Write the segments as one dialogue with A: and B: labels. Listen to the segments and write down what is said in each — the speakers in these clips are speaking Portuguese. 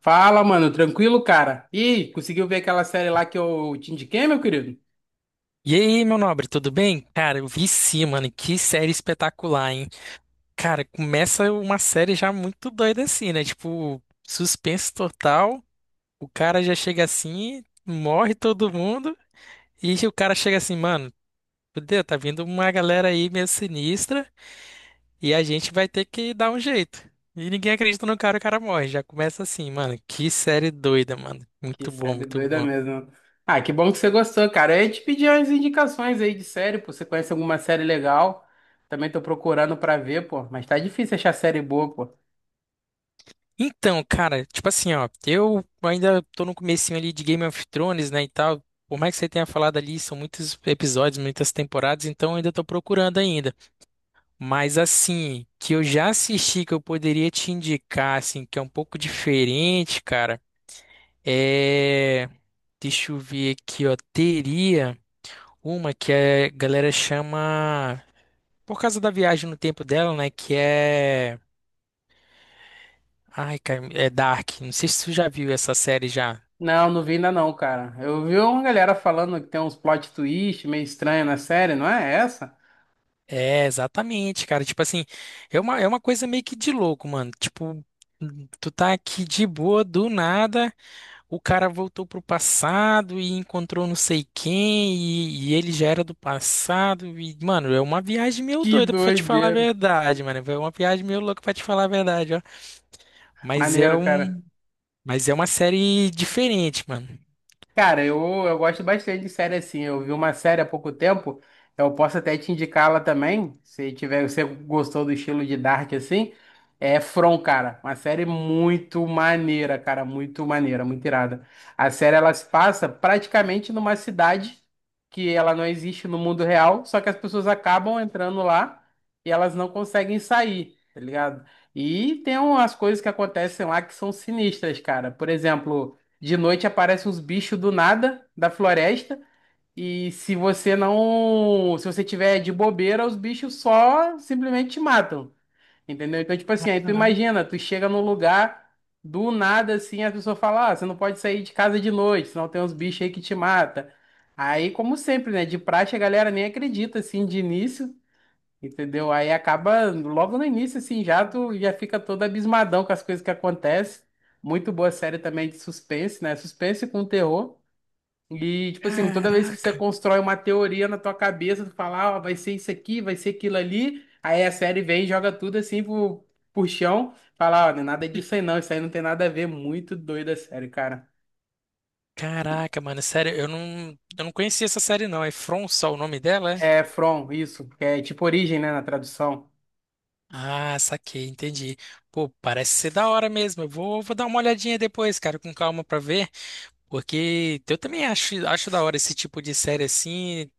A: Fala, mano, tranquilo, cara? Ih, conseguiu ver aquela série lá que eu te indiquei, meu querido?
B: E aí, meu nobre, tudo bem? Cara, eu vi sim, mano. Que série espetacular, hein? Cara, começa uma série já muito doida assim, né? Tipo, suspense total. O cara já chega assim, morre todo mundo. E o cara chega assim, mano, fudeu, tá vindo uma galera aí meio sinistra. E a gente vai ter que dar um jeito. E ninguém acredita no cara, o cara morre. Já começa assim, mano. Que série doida, mano.
A: Que
B: Muito bom,
A: série
B: muito
A: doida
B: bom.
A: mesmo. Ah, que bom que você gostou, cara. Eu ia te pedir umas indicações aí de série, pô. Você conhece alguma série legal? Também tô procurando pra ver, pô. Mas tá difícil achar série boa, pô.
B: Então, cara, tipo assim, ó, eu ainda tô no comecinho ali de Game of Thrones, né, e tal. Por mais que você tenha falado ali, são muitos episódios, muitas temporadas, então eu ainda tô procurando ainda. Mas assim, que eu já assisti, que eu poderia te indicar, assim, que é um pouco diferente, cara, é. Deixa eu ver aqui, ó. Teria uma que a galera chama. Por causa da viagem no tempo dela, né, que é. Ai, cara, é Dark. Não sei se tu já viu essa série já.
A: Não, não vi ainda não, cara. Eu vi uma galera falando que tem uns plot twist meio estranho na série, não é essa?
B: É, exatamente, cara. Tipo assim, é uma coisa meio que de louco, mano. Tipo, tu tá aqui de boa, do nada, o cara voltou pro passado e encontrou não sei quem, e ele já era do passado. E, mano, é uma viagem meio
A: Que
B: doida pra te falar a
A: doideira.
B: verdade, mano. É uma viagem meio louca pra te falar a verdade, ó. Mas é
A: Maneiro, cara.
B: um, mas é uma série diferente, mano.
A: Cara, eu gosto bastante de série assim. Eu vi uma série há pouco tempo, eu posso até te indicá-la também, se tiver, você gostou do estilo de Dark assim. É From, cara, uma série muito maneira, cara, muito maneira, muito irada. A série ela se passa praticamente numa cidade que ela não existe no mundo real, só que as pessoas acabam entrando lá e elas não conseguem sair, tá ligado? E tem umas coisas que acontecem lá que são sinistras, cara. Por exemplo, de noite aparecem uns bichos do nada, da floresta, e se você não, se você tiver de bobeira, os bichos só simplesmente te matam. Entendeu? Então, tipo assim, aí tu imagina, tu chega num lugar do nada assim, a pessoa fala: "Ah, você não pode sair de casa de noite, senão tem uns bichos aí que te mata". Aí, como sempre, né, de praxe a galera nem acredita assim de início. Entendeu? Aí acaba logo no início, assim, já tu já fica todo abismadão com as coisas que acontecem. Muito boa série também de suspense, né? Suspense com terror. E, tipo assim, toda vez que você
B: Caraca,
A: constrói uma teoria na tua cabeça, tu fala, ó, vai ser isso aqui, vai ser aquilo ali. Aí a série vem e joga tudo assim pro, chão. Fala, ó, não é nada disso aí não, isso aí não tem nada a ver. Muito doida a série, cara.
B: caraca, mano. Sério, eu não conhecia essa série, não. É From só o nome dela, é?
A: É From, isso, que é tipo origem, né, na tradução.
B: Ah, saquei, entendi. Pô, parece ser da hora mesmo. Eu vou dar uma olhadinha depois, cara, com calma pra ver, porque eu também acho da hora esse tipo de série assim,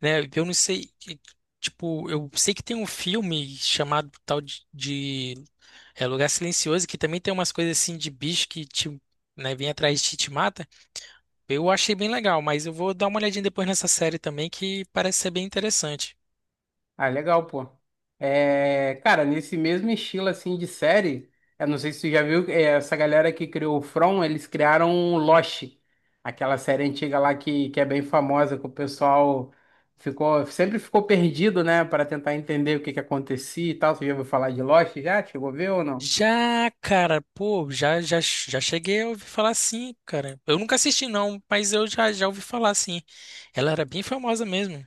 B: né? Eu não sei, tipo, eu sei que tem um filme chamado tal de, Lugar Silencioso que também tem umas coisas assim de bicho que te, né, vem atrás de ti e te mata. Eu achei bem legal, mas eu vou dar uma olhadinha depois nessa série também que parece ser bem interessante.
A: Ah, legal, pô. É, cara, nesse mesmo estilo assim de série, eu não sei se tu já viu, é, essa galera que criou o From, eles criaram o Lost, aquela série antiga lá que é bem famosa, que o pessoal ficou, sempre ficou perdido, né, para tentar entender o que que acontecia e tal. Você já ouviu falar de Lost já? Chegou a ver ou não?
B: Já, cara, pô, já cheguei a ouvir falar sim, cara. Eu nunca assisti não, mas eu já ouvi falar sim. Ela era bem famosa mesmo.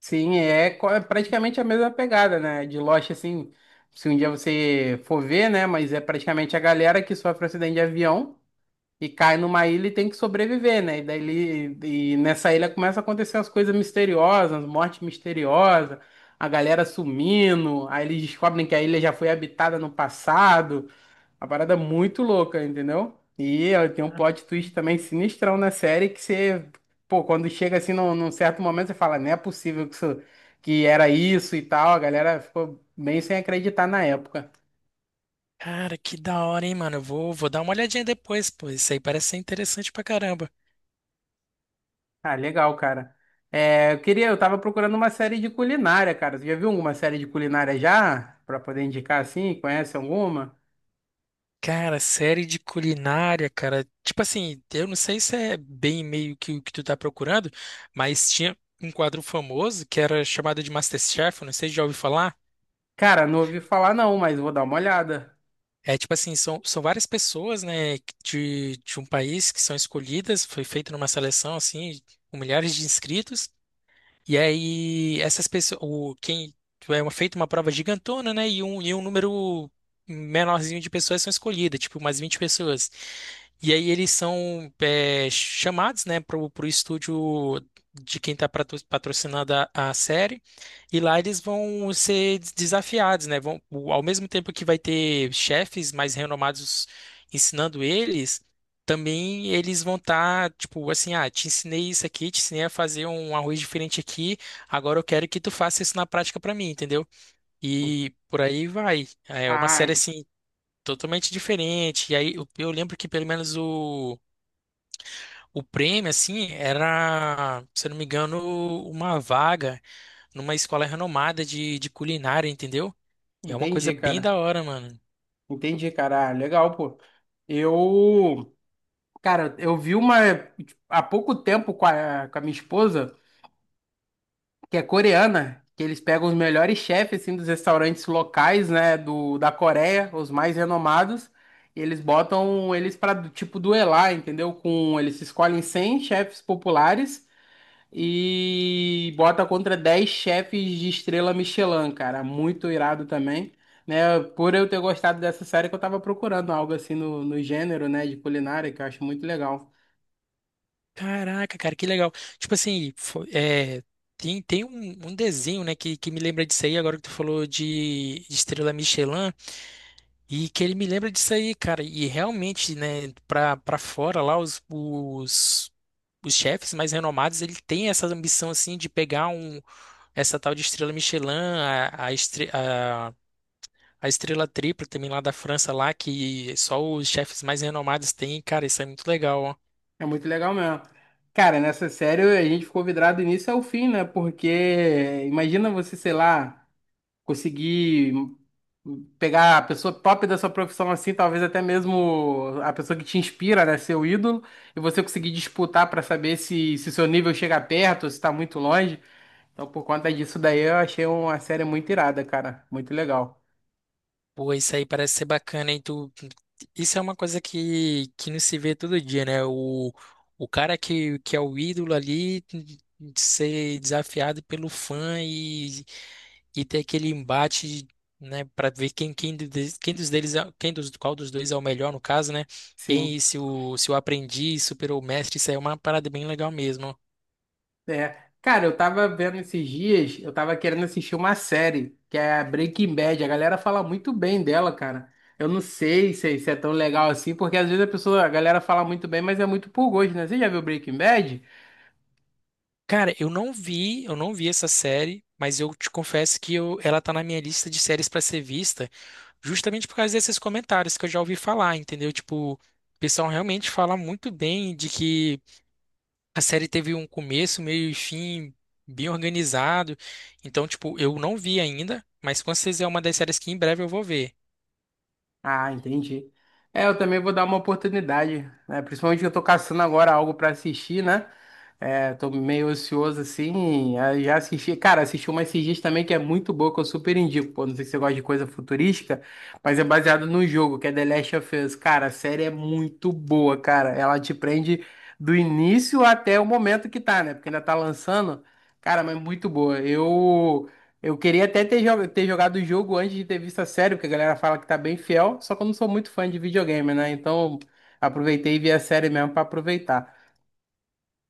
A: Sim, é é praticamente a mesma pegada, né? De Lost, assim, se um dia você for ver, né? Mas é praticamente a galera que sofre acidente de avião. E cai numa ilha e tem que sobreviver, né? E daí e nessa ilha começa a acontecer as coisas misteriosas, morte misteriosa, a galera sumindo, aí eles descobrem que a ilha já foi habitada no passado. Uma parada muito louca, entendeu? E ó, tem um plot twist também sinistrão na série que você, pô, quando chega assim num, certo momento, você fala, não é possível que isso, que era isso e tal. A galera ficou bem sem acreditar na época.
B: Cara, que da hora, hein, mano. Eu vou dar uma olhadinha depois, pô. Isso aí parece ser interessante pra caramba.
A: Ah, legal, cara. É, eu queria, eu tava procurando uma série de culinária, cara. Você já viu alguma série de culinária já? Pra poder indicar assim? Conhece alguma?
B: Cara, série de culinária, cara. Tipo assim, eu não sei se é bem meio que o que tu tá procurando, mas tinha um quadro famoso que era chamado de MasterChef, eu não sei se já ouviu falar.
A: Cara, não ouvi falar não, mas vou dar uma olhada.
B: É tipo assim, são várias pessoas, né, de um país que são escolhidas, foi feito numa seleção, assim, com milhares de inscritos, e aí, essas pessoas, quem é feita uma prova gigantona, né? E um número menorzinho de pessoas são escolhidas, tipo umas 20 pessoas. E aí eles são chamados, né, pro estúdio de quem está patrocinando a série. E lá eles vão ser desafiados, né? Ao mesmo tempo que vai ter chefes mais renomados ensinando eles também eles vão estar, tipo, assim, ah, te ensinei isso aqui, te ensinei a fazer um arroz diferente aqui, agora eu quero que tu faça isso na prática pra mim, entendeu? E por aí vai. É uma
A: Ah,
B: série, assim, totalmente diferente. E aí eu lembro que pelo menos o prêmio, assim, era, se eu não me engano, uma vaga numa escola renomada de culinária, entendeu? É uma coisa
A: entendi,
B: bem
A: cara.
B: da hora, mano.
A: Entendi, cara. Ah, legal, pô. Eu, cara, eu vi uma há pouco tempo com a, minha esposa. Que é coreana, que eles pegam os melhores chefes assim dos restaurantes locais, né, do da Coreia, os mais renomados, e eles botam eles para tipo duelar, entendeu? Com eles escolhem 100 chefes populares e bota contra 10 chefes de estrela Michelin, cara, muito irado também. Né, por eu ter gostado dessa série que eu tava procurando algo assim no, gênero, né, de culinária, que eu acho muito legal.
B: Caraca, cara, que legal. Tipo assim, tem um desenho, né, que me lembra disso aí, agora que tu falou de Estrela Michelin, e que ele me lembra disso aí, cara. E realmente, né, pra fora lá, os chefes mais renomados, ele tem essa ambição, assim, de pegar essa tal de Estrela Michelin, a, a, estre- a, a Estrela Tripla também lá da França, lá, que só os chefes mais renomados têm, cara, isso é muito legal, ó.
A: É muito legal mesmo. Cara, nessa série a gente ficou vidrado do início ao fim, né? Porque imagina você, sei lá, conseguir pegar a pessoa top da sua profissão assim, talvez até mesmo a pessoa que te inspira, né? Seu ídolo, e você conseguir disputar pra saber se seu nível chega perto ou se tá muito longe. Então, por conta disso daí, eu achei uma série muito irada, cara. Muito legal.
B: Pô, isso aí parece ser bacana, hein? Isso é uma coisa que não se vê todo dia, né? O cara que é o ídolo ali de ser desafiado pelo fã e ter aquele embate, né, para ver quem, quem dos deles, quem dos, qual dos dois é o melhor, no caso, né?
A: Sim.
B: Quem, se o, se o aprendiz superou o mestre, isso aí é uma parada bem legal mesmo.
A: É, cara, eu tava vendo esses dias, eu tava querendo assistir uma série, que é a Breaking Bad. A galera fala muito bem dela, cara. Eu não sei se, se é tão legal assim, porque às vezes a pessoa, a galera fala muito bem, mas é muito por gosto, né? Você já viu Breaking Bad?
B: Cara, eu não vi essa série, mas eu te confesso que ela tá na minha lista de séries pra ser vista, justamente por causa desses comentários que eu já ouvi falar, entendeu? Tipo, o pessoal realmente fala muito bem de que a série teve um começo, meio e fim bem organizado. Então, tipo, eu não vi ainda, mas com certeza é uma das séries que em breve eu vou ver.
A: Ah, entendi. É, eu também vou dar uma oportunidade, né? Principalmente que eu tô caçando agora algo pra assistir, né? É, tô meio ocioso assim. Aí já assisti, cara, assisti uma esses dias também que é muito boa, que eu super indico. Pô, não sei se você gosta de coisa futurística, mas é baseado no jogo, que é The Last of Us. Cara, a série é muito boa, cara. Ela te prende do início até o momento que tá, né? Porque ainda tá lançando. Cara, mas muito boa. Eu queria até ter, ter jogado o jogo antes de ter visto a série, porque a galera fala que tá bem fiel, só que eu não sou muito fã de videogame, né? Então aproveitei e vi a série mesmo pra aproveitar.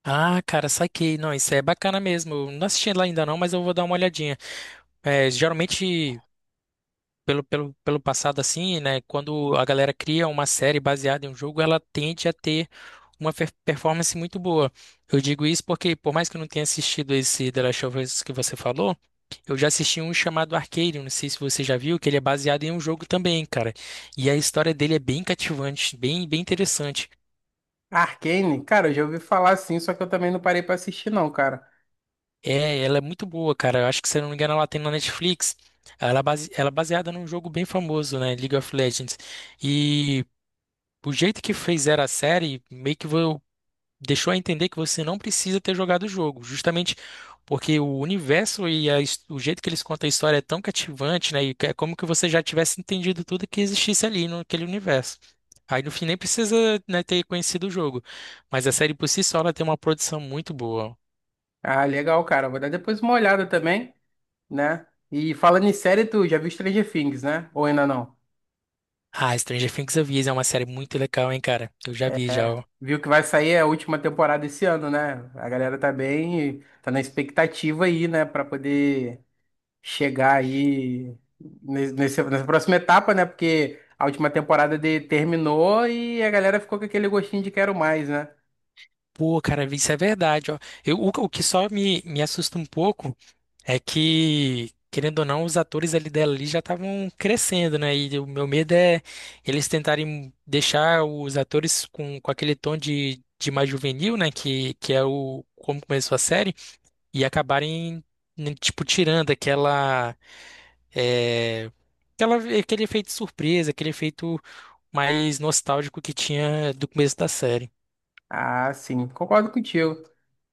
B: Ah, cara, saquei. Não, isso é bacana mesmo. Eu não assisti ela ainda não, mas eu vou dar uma olhadinha. É, geralmente, pelo passado assim, né? Quando a galera cria uma série baseada em um jogo, ela tende a ter uma performance muito boa. Eu digo isso porque, por mais que eu não tenha assistido esse The Last of Us que você falou, eu já assisti um chamado Arcane, não sei se você já viu, que ele é baseado em um jogo também, cara. E a história dele é bem cativante, bem interessante.
A: Arcane, cara, eu já ouvi falar assim, só que eu também não parei pra assistir não, cara.
B: É, ela é muito boa, cara. Eu acho que, se eu não me engano, ela tem na Netflix. Ela é baseada num jogo bem famoso, né? League of Legends. e O jeito que fizeram a série meio que deixou a entender que você não precisa ter jogado o jogo, justamente porque o universo e o jeito que eles contam a história é tão cativante, né? E que é como que você já tivesse entendido tudo que existisse ali naquele universo. Aí no fim nem precisa, né, ter conhecido o jogo, mas a série por si só ela tem uma produção muito boa.
A: Ah, legal, cara. Vou dar depois uma olhada também, né? E falando em série, tu já viu Stranger Things, né? Ou ainda não?
B: Ah, Stranger Things Avisa é uma série muito legal, hein, cara? Eu já vi já. Ó.
A: Viu que vai sair a última temporada esse ano, né? A galera tá bem, tá na expectativa aí, né, pra poder chegar aí nessa próxima etapa, né? Porque a última temporada de, terminou e a galera ficou com aquele gostinho de quero mais, né?
B: Pô, cara, isso é verdade, ó. O que só me assusta um pouco é que, querendo ou não, os atores ali dela ali já estavam crescendo, né? E o meu medo é eles tentarem deixar os atores com aquele tom de mais juvenil, né? Que é o como começou a série, e acabarem, né, tipo, tirando é, aquele efeito surpresa, aquele efeito mais nostálgico que tinha do começo da série.
A: Ah, sim, concordo contigo.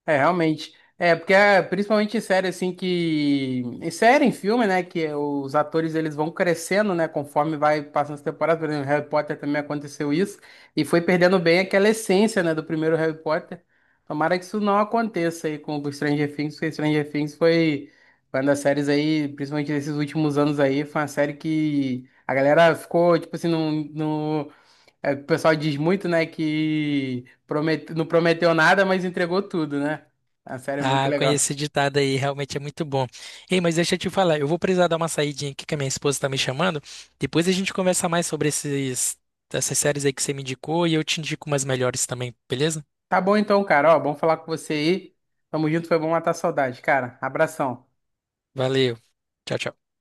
A: É, realmente. É, porque é, principalmente em série, assim, que... Em série, em filme, né, que os atores, eles vão crescendo, né, conforme vai passando as temporadas. Por exemplo, Harry Potter também aconteceu isso. E foi perdendo bem aquela essência, né, do primeiro Harry Potter. Tomara que isso não aconteça aí com o Stranger Things, porque Stranger Things foi uma das séries aí, principalmente nesses últimos anos aí, foi uma série que a galera ficou, tipo assim, no, é, o pessoal diz muito, né, que promete... não prometeu nada, mas entregou tudo, né? A série é muito
B: Ah, eu conheço
A: legal.
B: esse ditado aí, realmente é muito bom. Ei, mas deixa eu te falar, eu vou precisar dar uma saidinha aqui que a minha esposa tá me chamando. Depois a gente conversa mais sobre essas séries aí que você me indicou e eu te indico umas melhores também, beleza?
A: Tá bom então, cara. Ó, bom falar com você aí. Tamo junto, foi bom matar a saudade, cara. Abração.
B: Valeu. Tchau, tchau.